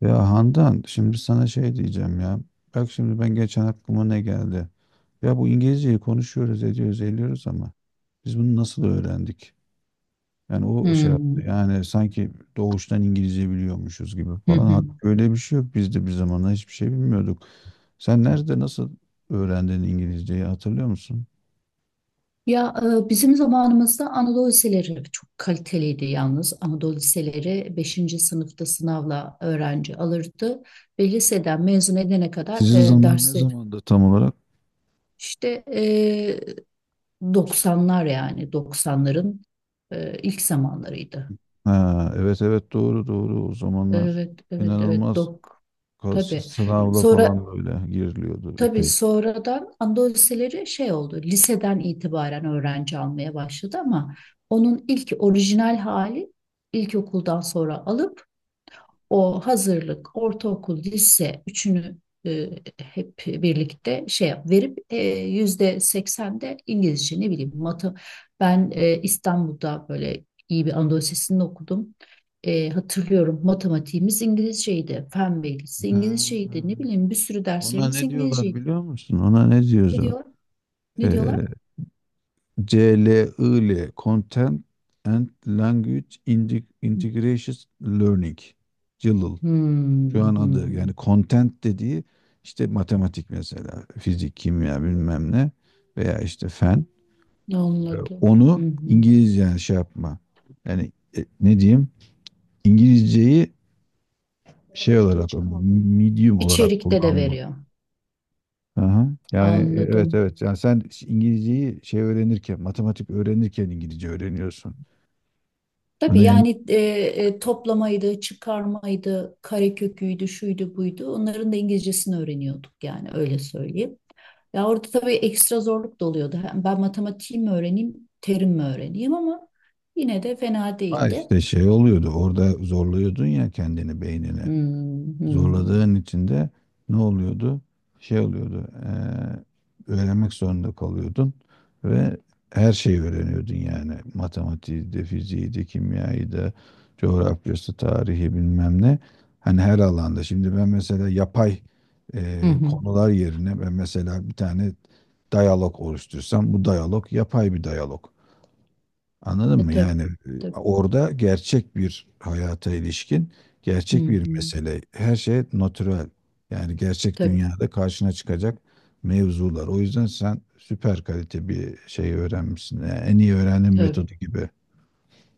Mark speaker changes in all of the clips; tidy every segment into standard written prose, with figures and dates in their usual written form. Speaker 1: Ya Handan şimdi sana şey diyeceğim ya. Bak şimdi ben geçen aklıma ne geldi. Ya bu İngilizceyi konuşuyoruz ediyoruz ediyoruz ama biz bunu nasıl öğrendik? Yani o şey
Speaker 2: Hmm.
Speaker 1: yaptı. Yani sanki doğuştan İngilizce biliyormuşuz gibi
Speaker 2: Hı
Speaker 1: falan.
Speaker 2: hı.
Speaker 1: Halbuki öyle bir şey yok. Biz de bir zamanlar hiçbir şey bilmiyorduk. Sen nerede nasıl öğrendin İngilizceyi hatırlıyor musun?
Speaker 2: Ya bizim zamanımızda Anadolu liseleri çok kaliteliydi yalnız. Anadolu liseleri beşinci sınıfta sınavla öğrenci alırdı ve liseden mezun edene kadar
Speaker 1: Sizin zaman ne
Speaker 2: dersler
Speaker 1: zamandı tam olarak?
Speaker 2: işte, 90'lar, yani doksanların ilk zamanlarıydı.
Speaker 1: Ha, evet evet, doğru doğru, o zamanlar
Speaker 2: Evet, evet, evet.
Speaker 1: inanılmaz, kas-
Speaker 2: Tabii.
Speaker 1: sınavla
Speaker 2: Sonra
Speaker 1: falan böyle giriliyordu.
Speaker 2: Tabii, sonradan Andoseleri şey oldu. Liseden itibaren öğrenci almaya başladı, ama onun ilk orijinal hali ilkokuldan sonra alıp o hazırlık, ortaokul, lise üçünü e, hep birlikte verip %80'de İngilizce, ne bileyim matı. Ben İstanbul'da böyle iyi bir Anadolu Lisesi'nde okudum. Hatırlıyorum, matematiğimiz İngilizceydi, fen bilgisi
Speaker 1: Ha,
Speaker 2: İngilizceydi, ne bileyim bir sürü
Speaker 1: ona
Speaker 2: derslerimiz
Speaker 1: ne diyorlar
Speaker 2: İngilizceydi.
Speaker 1: biliyor musun? Ona ne
Speaker 2: Ne
Speaker 1: diyorlar?
Speaker 2: diyor? Ne diyorlar?
Speaker 1: Ee, CLIL, Content and Language Integration Learning. CLIL. Şu
Speaker 2: Hmm,
Speaker 1: an adı,
Speaker 2: hmm.
Speaker 1: yani content dediği, işte matematik mesela, fizik, kimya bilmem ne, veya işte fen.
Speaker 2: Anladım. Hı
Speaker 1: Onu
Speaker 2: hı.
Speaker 1: İngilizce yani şey yapma. Yani ne diyeyim? İngilizceyi şey olarak, medium olarak
Speaker 2: İçerikte de
Speaker 1: kullanma.
Speaker 2: veriyor.
Speaker 1: Aha. Yani evet
Speaker 2: Anladım.
Speaker 1: evet. Yani sen İngilizceyi şey öğrenirken, matematik öğrenirken İngilizce öğreniyorsun.
Speaker 2: Tabii
Speaker 1: Bunu en.
Speaker 2: yani, toplamaydı, çıkarmaydı, kareköküydü, şuydu, buydu. Onların da İngilizcesini öğreniyorduk, yani öyle söyleyeyim. Ya orada tabii ekstra zorluk da oluyordu. Hem ben matematiği mi öğreneyim, terim mi öğreneyim, ama yine de fena
Speaker 1: Ha
Speaker 2: değildi.
Speaker 1: işte şey oluyordu. Orada zorluyordun ya kendini, beynini.
Speaker 2: Hmm, hmm.
Speaker 1: Zorladığın için de ne oluyordu? Şey oluyordu. Öğrenmek zorunda kalıyordun ve her şeyi öğreniyordun yani. Matematiği de, fiziği de, kimyayı da, coğrafyası, tarihi bilmem ne. Hani her alanda. Şimdi ben mesela yapay
Speaker 2: Hı hı.
Speaker 1: konular yerine, ben mesela bir tane diyalog oluştursam, bu diyalog yapay bir diyalog. Anladın mı?
Speaker 2: Tabii,
Speaker 1: Yani
Speaker 2: tabii.
Speaker 1: orada gerçek bir hayata ilişkin,
Speaker 2: Hı
Speaker 1: gerçek bir
Speaker 2: hı.
Speaker 1: mesele. Her şey natürel. Yani gerçek
Speaker 2: Tabii,
Speaker 1: dünyada karşına çıkacak mevzular. O yüzden sen süper kalite bir şey öğrenmişsin. Yani en iyi öğrenim
Speaker 2: tabii.
Speaker 1: metodu gibi.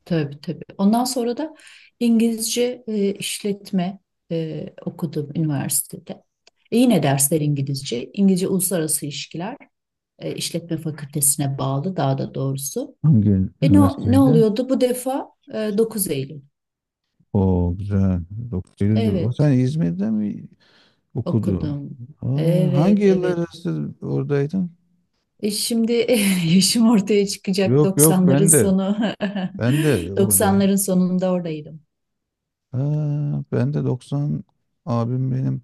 Speaker 2: Tabii, tabii. Ondan sonra da İngilizce işletme okudum üniversitede. Yine dersler İngilizce. İngilizce Uluslararası İlişkiler, İşletme Fakültesine bağlı daha da doğrusu.
Speaker 1: Hangi
Speaker 2: E, ne, ne
Speaker 1: üniversiteydi?
Speaker 2: oluyordu? Bu defa 9 Eylül.
Speaker 1: O güzel. 9 Eylül'de. O sen
Speaker 2: Evet,
Speaker 1: İzmir'de mi okudun?
Speaker 2: okudum.
Speaker 1: Aa, hangi
Speaker 2: Evet,
Speaker 1: yıllar
Speaker 2: evet.
Speaker 1: arası oradaydın?
Speaker 2: Şimdi yaşım ortaya çıkacak,
Speaker 1: Yok yok,
Speaker 2: doksanların
Speaker 1: ben de.
Speaker 2: sonu.
Speaker 1: Ben de oradayım.
Speaker 2: Doksanların sonunda oradaydım.
Speaker 1: Ha, ben de 90, abim benim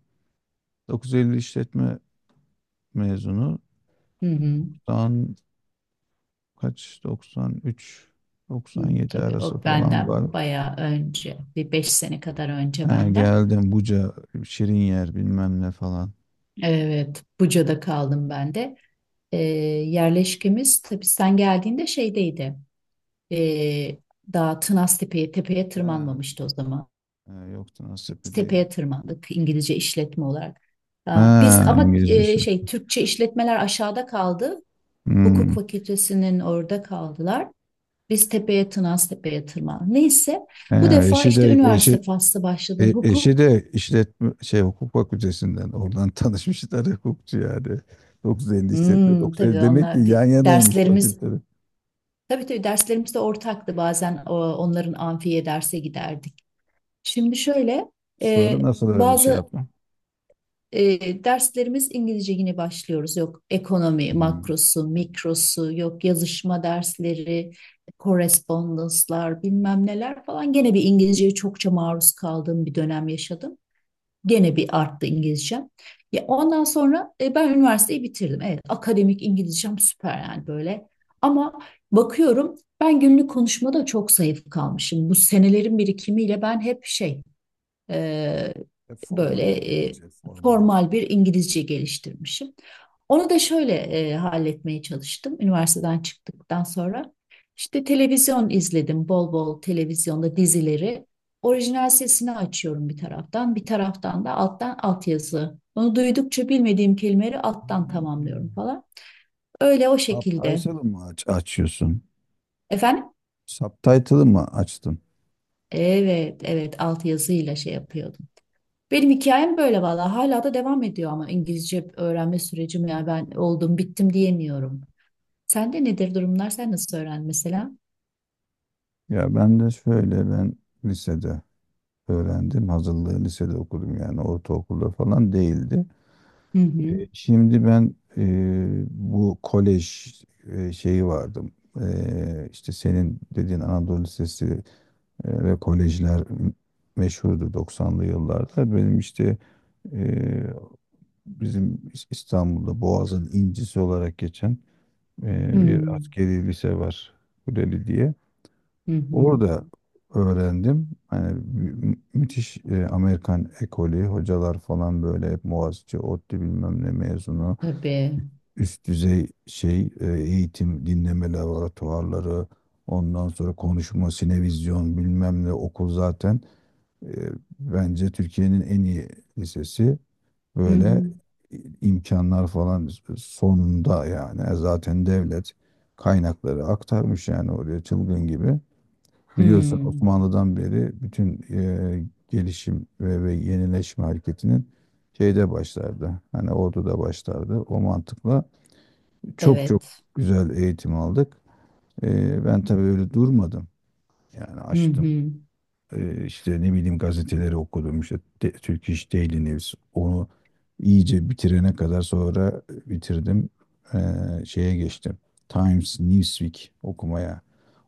Speaker 1: 950 işletme mezunu.
Speaker 2: Hı hı.
Speaker 1: Tam kaç, 93
Speaker 2: Hmm,
Speaker 1: 97
Speaker 2: tabii
Speaker 1: arası
Speaker 2: o
Speaker 1: falan
Speaker 2: benden
Speaker 1: var.
Speaker 2: bayağı önce, bir 5 sene kadar önce
Speaker 1: Ha,
Speaker 2: benden.
Speaker 1: geldim Buca, şirin yer bilmem ne falan.
Speaker 2: Evet, Buca'da kaldım ben de. Yerleşkemiz, tabii sen geldiğinde, şeydeydi. Ee, Daha Tınaz Tepe'ye, tepeye
Speaker 1: Ha,
Speaker 2: tırmanmamıştı o zaman.
Speaker 1: ha, yoktu, nasip
Speaker 2: Biz
Speaker 1: değil.
Speaker 2: tepeye tırmandık İngilizce işletme olarak. Ha, biz
Speaker 1: Ha,
Speaker 2: ama
Speaker 1: İngilizcesi.
Speaker 2: şey, Türkçe işletmeler aşağıda kaldı. Hukuk
Speaker 1: Hmm.
Speaker 2: fakültesinin orada kaldılar. Biz tepeye, Tınaz Tepe'ye tırmandık. Neyse, bu
Speaker 1: Ha,
Speaker 2: defa
Speaker 1: eşi
Speaker 2: işte
Speaker 1: de eşi.
Speaker 2: üniversite faslı başladı.
Speaker 1: Eşi de işletme şey, hukuk fakültesinden oradan tanışmışlar, hukukçu yani. 950 işletme,
Speaker 2: Hmm,
Speaker 1: 950,
Speaker 2: tabii
Speaker 1: demek ki
Speaker 2: onlar
Speaker 1: yan yanaymış
Speaker 2: derslerimiz,
Speaker 1: fakülteler.
Speaker 2: tabii tabii, derslerimiz de ortaktı, bazen onların amfiye derse giderdik. Şimdi şöyle, e,
Speaker 1: Sonra nasıl öyle şey
Speaker 2: bazı
Speaker 1: yaptı?
Speaker 2: derslerimiz İngilizce, yine başlıyoruz. Yok ekonomi
Speaker 1: Hmm.
Speaker 2: makrosu, mikrosu, yok yazışma dersleri, correspondence'lar, bilmem neler falan. Gene bir İngilizceye çokça maruz kaldığım bir dönem yaşadım. Gene bir arttı İngilizcem. Ya ondan sonra ben üniversiteyi bitirdim. Evet, akademik İngilizcem süper, yani böyle. Ama bakıyorum, ben günlük konuşmada çok zayıf kalmışım. Bu senelerin birikimiyle ben hep şey, e, böyle,
Speaker 1: Formal
Speaker 2: e,
Speaker 1: İngilizce, formal.
Speaker 2: formal bir İngilizce geliştirmişim. Onu da şöyle halletmeye çalıştım üniversiteden çıktıktan sonra. İşte televizyon izledim, bol bol televizyonda dizileri. Orijinal sesini açıyorum bir taraftan, bir taraftan da alttan altyazı. Onu duydukça bilmediğim kelimeleri alttan tamamlıyorum
Speaker 1: Hmm.
Speaker 2: falan. Öyle, o şekilde.
Speaker 1: Subtitle'ı mı açıyorsun?
Speaker 2: Efendim?
Speaker 1: Subtitle'ı mı açtın?
Speaker 2: Evet, evet, altyazıyla şey yapıyordum. Benim hikayem böyle valla. Hala da devam ediyor ama İngilizce öğrenme sürecim, ya ben oldum bittim diyemiyorum. Sende nedir durumlar? Sen nasıl öğrendin mesela?
Speaker 1: Ya ben de şöyle, ben lisede öğrendim. Hazırlığı lisede okudum, yani ortaokulda falan değildi.
Speaker 2: Hı hı.
Speaker 1: Şimdi ben bu kolej şeyi vardım. İşte senin dediğin Anadolu Lisesi ve kolejler meşhurdu 90'lı yıllarda. Benim işte e, bizim İstanbul'da Boğaz'ın incisi olarak geçen
Speaker 2: Hı
Speaker 1: bir askeri lise var. Kuleli diye.
Speaker 2: hı. Hı.
Speaker 1: Orada öğrendim. Hani müthiş Amerikan ekolü, hocalar falan böyle hep Boğaziçi, ODTÜ bilmem ne mezunu,
Speaker 2: Tabii.
Speaker 1: üst düzey şey eğitim, dinleme laboratuvarları, ondan sonra konuşma, sinevizyon bilmem ne, okul zaten e, bence Türkiye'nin en iyi lisesi,
Speaker 2: Hı
Speaker 1: böyle
Speaker 2: hı.
Speaker 1: imkanlar falan sonunda yani. Zaten devlet kaynakları aktarmış yani oraya çılgın gibi.
Speaker 2: Hı.
Speaker 1: Biliyorsun Osmanlı'dan beri bütün gelişim ve yenileşme hareketinin şeyde başlardı. Hani orduda başlardı. O mantıkla çok çok
Speaker 2: Evet.
Speaker 1: güzel eğitim aldık. Ben tabii öyle durmadım. Yani
Speaker 2: Hı
Speaker 1: açtım,
Speaker 2: hı.
Speaker 1: işte ne bileyim, gazeteleri okudum. İşte de Türk İş Daily News. Onu iyice bitirene kadar, sonra bitirdim. Şeye geçtim, Times Newsweek okumaya.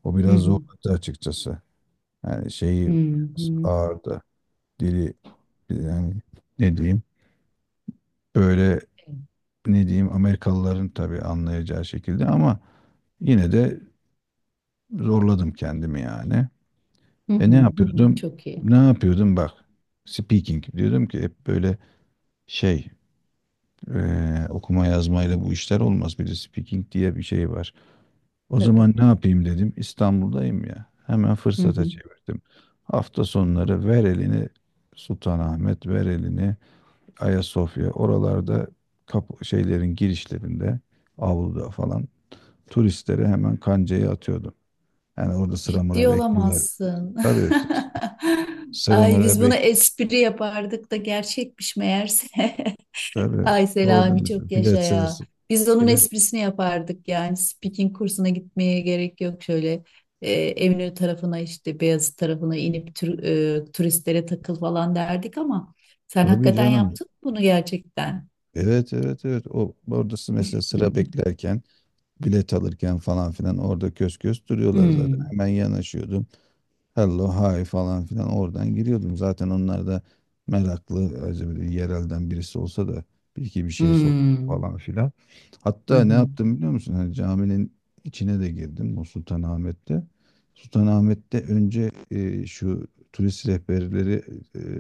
Speaker 1: O
Speaker 2: Hı
Speaker 1: biraz
Speaker 2: hı.
Speaker 1: zorladı açıkçası. Yani şeyi
Speaker 2: Hı
Speaker 1: biraz
Speaker 2: hı.
Speaker 1: ağırdı. Dili yani, ne diyeyim böyle, ne diyeyim, Amerikalıların tabii anlayacağı şekilde ama yine de zorladım kendimi yani.
Speaker 2: Hı hı.
Speaker 1: Ne
Speaker 2: Hı hı.
Speaker 1: yapıyordum?
Speaker 2: Çok iyi.
Speaker 1: Ne yapıyordum bak. Speaking diyordum ki hep, böyle şey okuma yazmayla bu işler olmaz. Bir de speaking diye bir şey var. O
Speaker 2: Tabii.
Speaker 1: zaman ne yapayım dedim. İstanbul'dayım ya. Hemen
Speaker 2: Hı
Speaker 1: fırsata
Speaker 2: hı.
Speaker 1: çevirdim. Hafta sonları ver elini Sultanahmet, ver elini Ayasofya. Oralarda kapı, şeylerin girişlerinde, avluda falan turistlere hemen kancayı atıyordum. Yani orada sıra
Speaker 2: Ciddi
Speaker 1: mıra bekliyorlar.
Speaker 2: olamazsın.
Speaker 1: Tabii.
Speaker 2: Ay, biz
Speaker 1: Sıramaları
Speaker 2: bunu
Speaker 1: bek
Speaker 2: espri yapardık da gerçekmiş meğerse.
Speaker 1: Tabii
Speaker 2: Ay
Speaker 1: orada
Speaker 2: Selami, çok
Speaker 1: mesela
Speaker 2: yaşa
Speaker 1: bilet
Speaker 2: ya.
Speaker 1: sırası
Speaker 2: Biz onun
Speaker 1: bile.
Speaker 2: esprisini yapardık, yani speaking kursuna gitmeye gerek yok, şöyle Eminönü tarafına, işte Beyazıt tarafına inip turistlere takıl falan derdik, ama sen
Speaker 1: Tabii
Speaker 2: hakikaten
Speaker 1: canım.
Speaker 2: yaptın mı bunu gerçekten?
Speaker 1: Evet evet evet. O oradası mesela, sıra beklerken, bilet alırken falan filan, orada kös kös duruyorlar zaten.
Speaker 2: Hmm,
Speaker 1: Hemen yanaşıyordum. Hello hi falan filan, oradan giriyordum. Zaten onlar da meraklı, acaba yerelden birisi olsa da bir iki bir şey sor
Speaker 2: hmm,
Speaker 1: falan filan.
Speaker 2: hı
Speaker 1: Hatta ne
Speaker 2: hı,
Speaker 1: yaptım biliyor musun? Hani caminin içine de girdim bu Sultanahmet'te. Sultanahmet'te önce şu turist rehberleri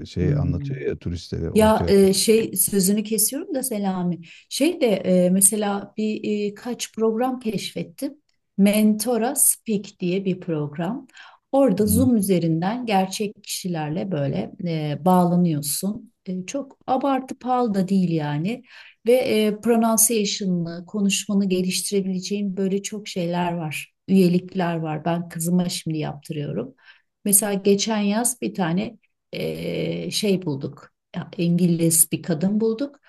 Speaker 1: şey
Speaker 2: hmm.
Speaker 1: anlatıyor ya turistlere,
Speaker 2: Ya
Speaker 1: ortaya.
Speaker 2: şey, sözünü kesiyorum da Selami. Şey de, mesela bir kaç program keşfettim. Mentora Speak diye bir program. Orada
Speaker 1: Hı.
Speaker 2: Zoom üzerinden gerçek kişilerle böyle bağlanıyorsun. Çok abartı pahalı da değil yani. Ve pronunciation'ını, konuşmanı geliştirebileceğin böyle çok şeyler var. Üyelikler var. Ben kızıma şimdi yaptırıyorum. Mesela geçen yaz bir tane şey bulduk. İngiliz bir kadın bulduk.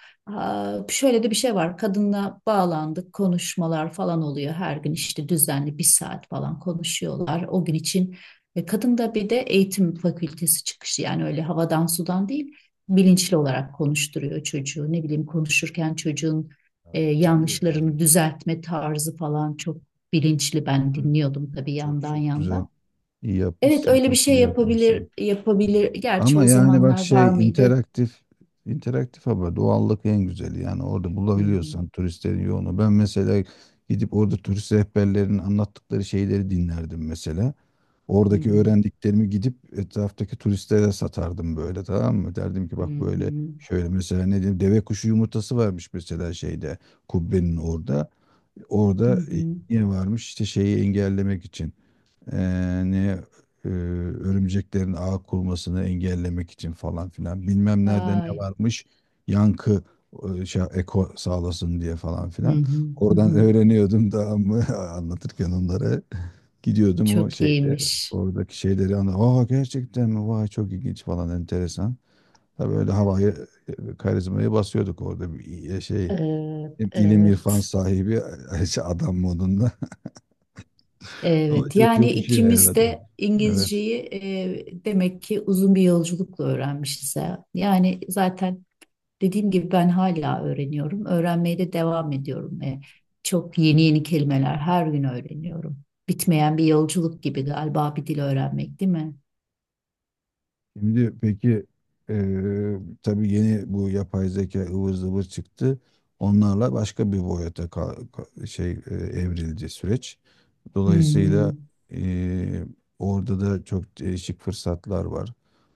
Speaker 2: Şöyle de bir şey var. Kadınla bağlandık, konuşmalar falan oluyor. Her gün işte düzenli bir saat falan konuşuyorlar o gün için. Ve kadın da bir de eğitim fakültesi çıkışı, yani öyle havadan sudan değil, bilinçli olarak konuşturuyor çocuğu. Ne bileyim, konuşurken çocuğun
Speaker 1: Ha, tabii yani.
Speaker 2: yanlışlarını düzeltme tarzı falan çok bilinçli. Ben
Speaker 1: Tabii,
Speaker 2: dinliyordum tabii,
Speaker 1: çok
Speaker 2: yandan
Speaker 1: çok güzel.
Speaker 2: yandan.
Speaker 1: İyi
Speaker 2: Evet,
Speaker 1: yapmışsın,
Speaker 2: öyle bir
Speaker 1: çok
Speaker 2: şey
Speaker 1: iyi
Speaker 2: yapabilir
Speaker 1: yapmışsın.
Speaker 2: yapabilir. Gerçi
Speaker 1: Ama
Speaker 2: o
Speaker 1: yani bak
Speaker 2: zamanlar
Speaker 1: şey,
Speaker 2: var mıydı?
Speaker 1: interaktif interaktif ama doğallık en güzeli. Yani orada
Speaker 2: Hı hı.
Speaker 1: bulabiliyorsan turistlerin yoğunu. Ben mesela gidip orada turist rehberlerinin anlattıkları şeyleri dinlerdim mesela.
Speaker 2: Hı
Speaker 1: Oradaki
Speaker 2: hı.
Speaker 1: öğrendiklerimi gidip etraftaki turistlere satardım böyle, tamam mı? Derdim ki
Speaker 2: Hı
Speaker 1: bak böyle,
Speaker 2: hı.
Speaker 1: şöyle mesela, ne diyeyim, deve kuşu yumurtası varmış mesela şeyde, kubbenin orada.
Speaker 2: Hı
Speaker 1: Orada
Speaker 2: hı.
Speaker 1: niye varmış, işte şeyi engellemek için yani, örümceklerin ağ kurmasını engellemek için falan filan, bilmem nerede ne
Speaker 2: Vay.
Speaker 1: varmış, yankı şey, eko sağlasın diye falan
Speaker 2: Hı
Speaker 1: filan,
Speaker 2: hı. Hı
Speaker 1: oradan
Speaker 2: hı.
Speaker 1: öğreniyordum da ama anlatırken onları gidiyordum o
Speaker 2: Çok
Speaker 1: şeyde
Speaker 2: iyiymiş.
Speaker 1: oradaki şeyleri anla, aa gerçekten mi, vay çok ilginç falan, enteresan, tabii öyle havayı karizmayı basıyorduk orada bir şey,
Speaker 2: Evet,
Speaker 1: hem ilim irfan
Speaker 2: evet,
Speaker 1: sahibi adam modunda. Ama
Speaker 2: evet.
Speaker 1: çok
Speaker 2: Yani
Speaker 1: çok işe
Speaker 2: ikimiz
Speaker 1: yaradı,
Speaker 2: de
Speaker 1: evet.
Speaker 2: İngilizceyi, demek ki uzun bir yolculukla öğrenmişiz, ha. Yani zaten, dediğim gibi, ben hala öğreniyorum. Öğrenmeye de devam ediyorum. Çok yeni yeni kelimeler her gün öğreniyorum. Bitmeyen bir yolculuk gibi galiba bir dil öğrenmek, değil mi?
Speaker 1: Şimdi peki, tabii yeni bu yapay zeka ıvır zıvır çıktı. Onlarla başka bir boyuta şey, evrildi süreç.
Speaker 2: Hı hı.
Speaker 1: Dolayısıyla eee, orada da çok değişik fırsatlar var.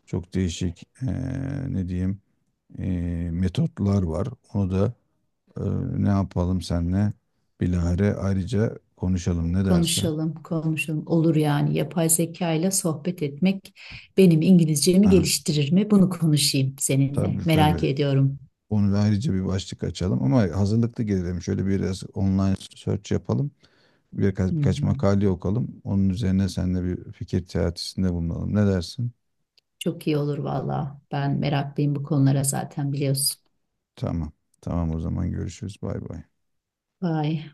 Speaker 1: Çok değişik ne diyeyim metotlar var. Onu da eee, ne yapalım, senle bilahare ayrıca konuşalım, ne dersin?
Speaker 2: Konuşalım, konuşalım. Olur yani. Yapay zeka ile sohbet etmek benim İngilizcemi
Speaker 1: Ha,
Speaker 2: geliştirir mi? Bunu konuşayım seninle.
Speaker 1: tabii
Speaker 2: Merak
Speaker 1: tabii,
Speaker 2: ediyorum.
Speaker 1: onu da ayrıca bir başlık açalım ama hazırlıklı gelelim. Şöyle biraz online search yapalım. Birkaç,
Speaker 2: Hı
Speaker 1: birkaç
Speaker 2: hı.
Speaker 1: makale okalım. Onun üzerine seninle bir fikir teatisinde bulunalım. Ne dersin?
Speaker 2: Çok iyi olur valla. Ben meraklıyım bu konulara, zaten biliyorsun.
Speaker 1: Tamam. Tamam, o zaman görüşürüz. Bay bay.
Speaker 2: Vay.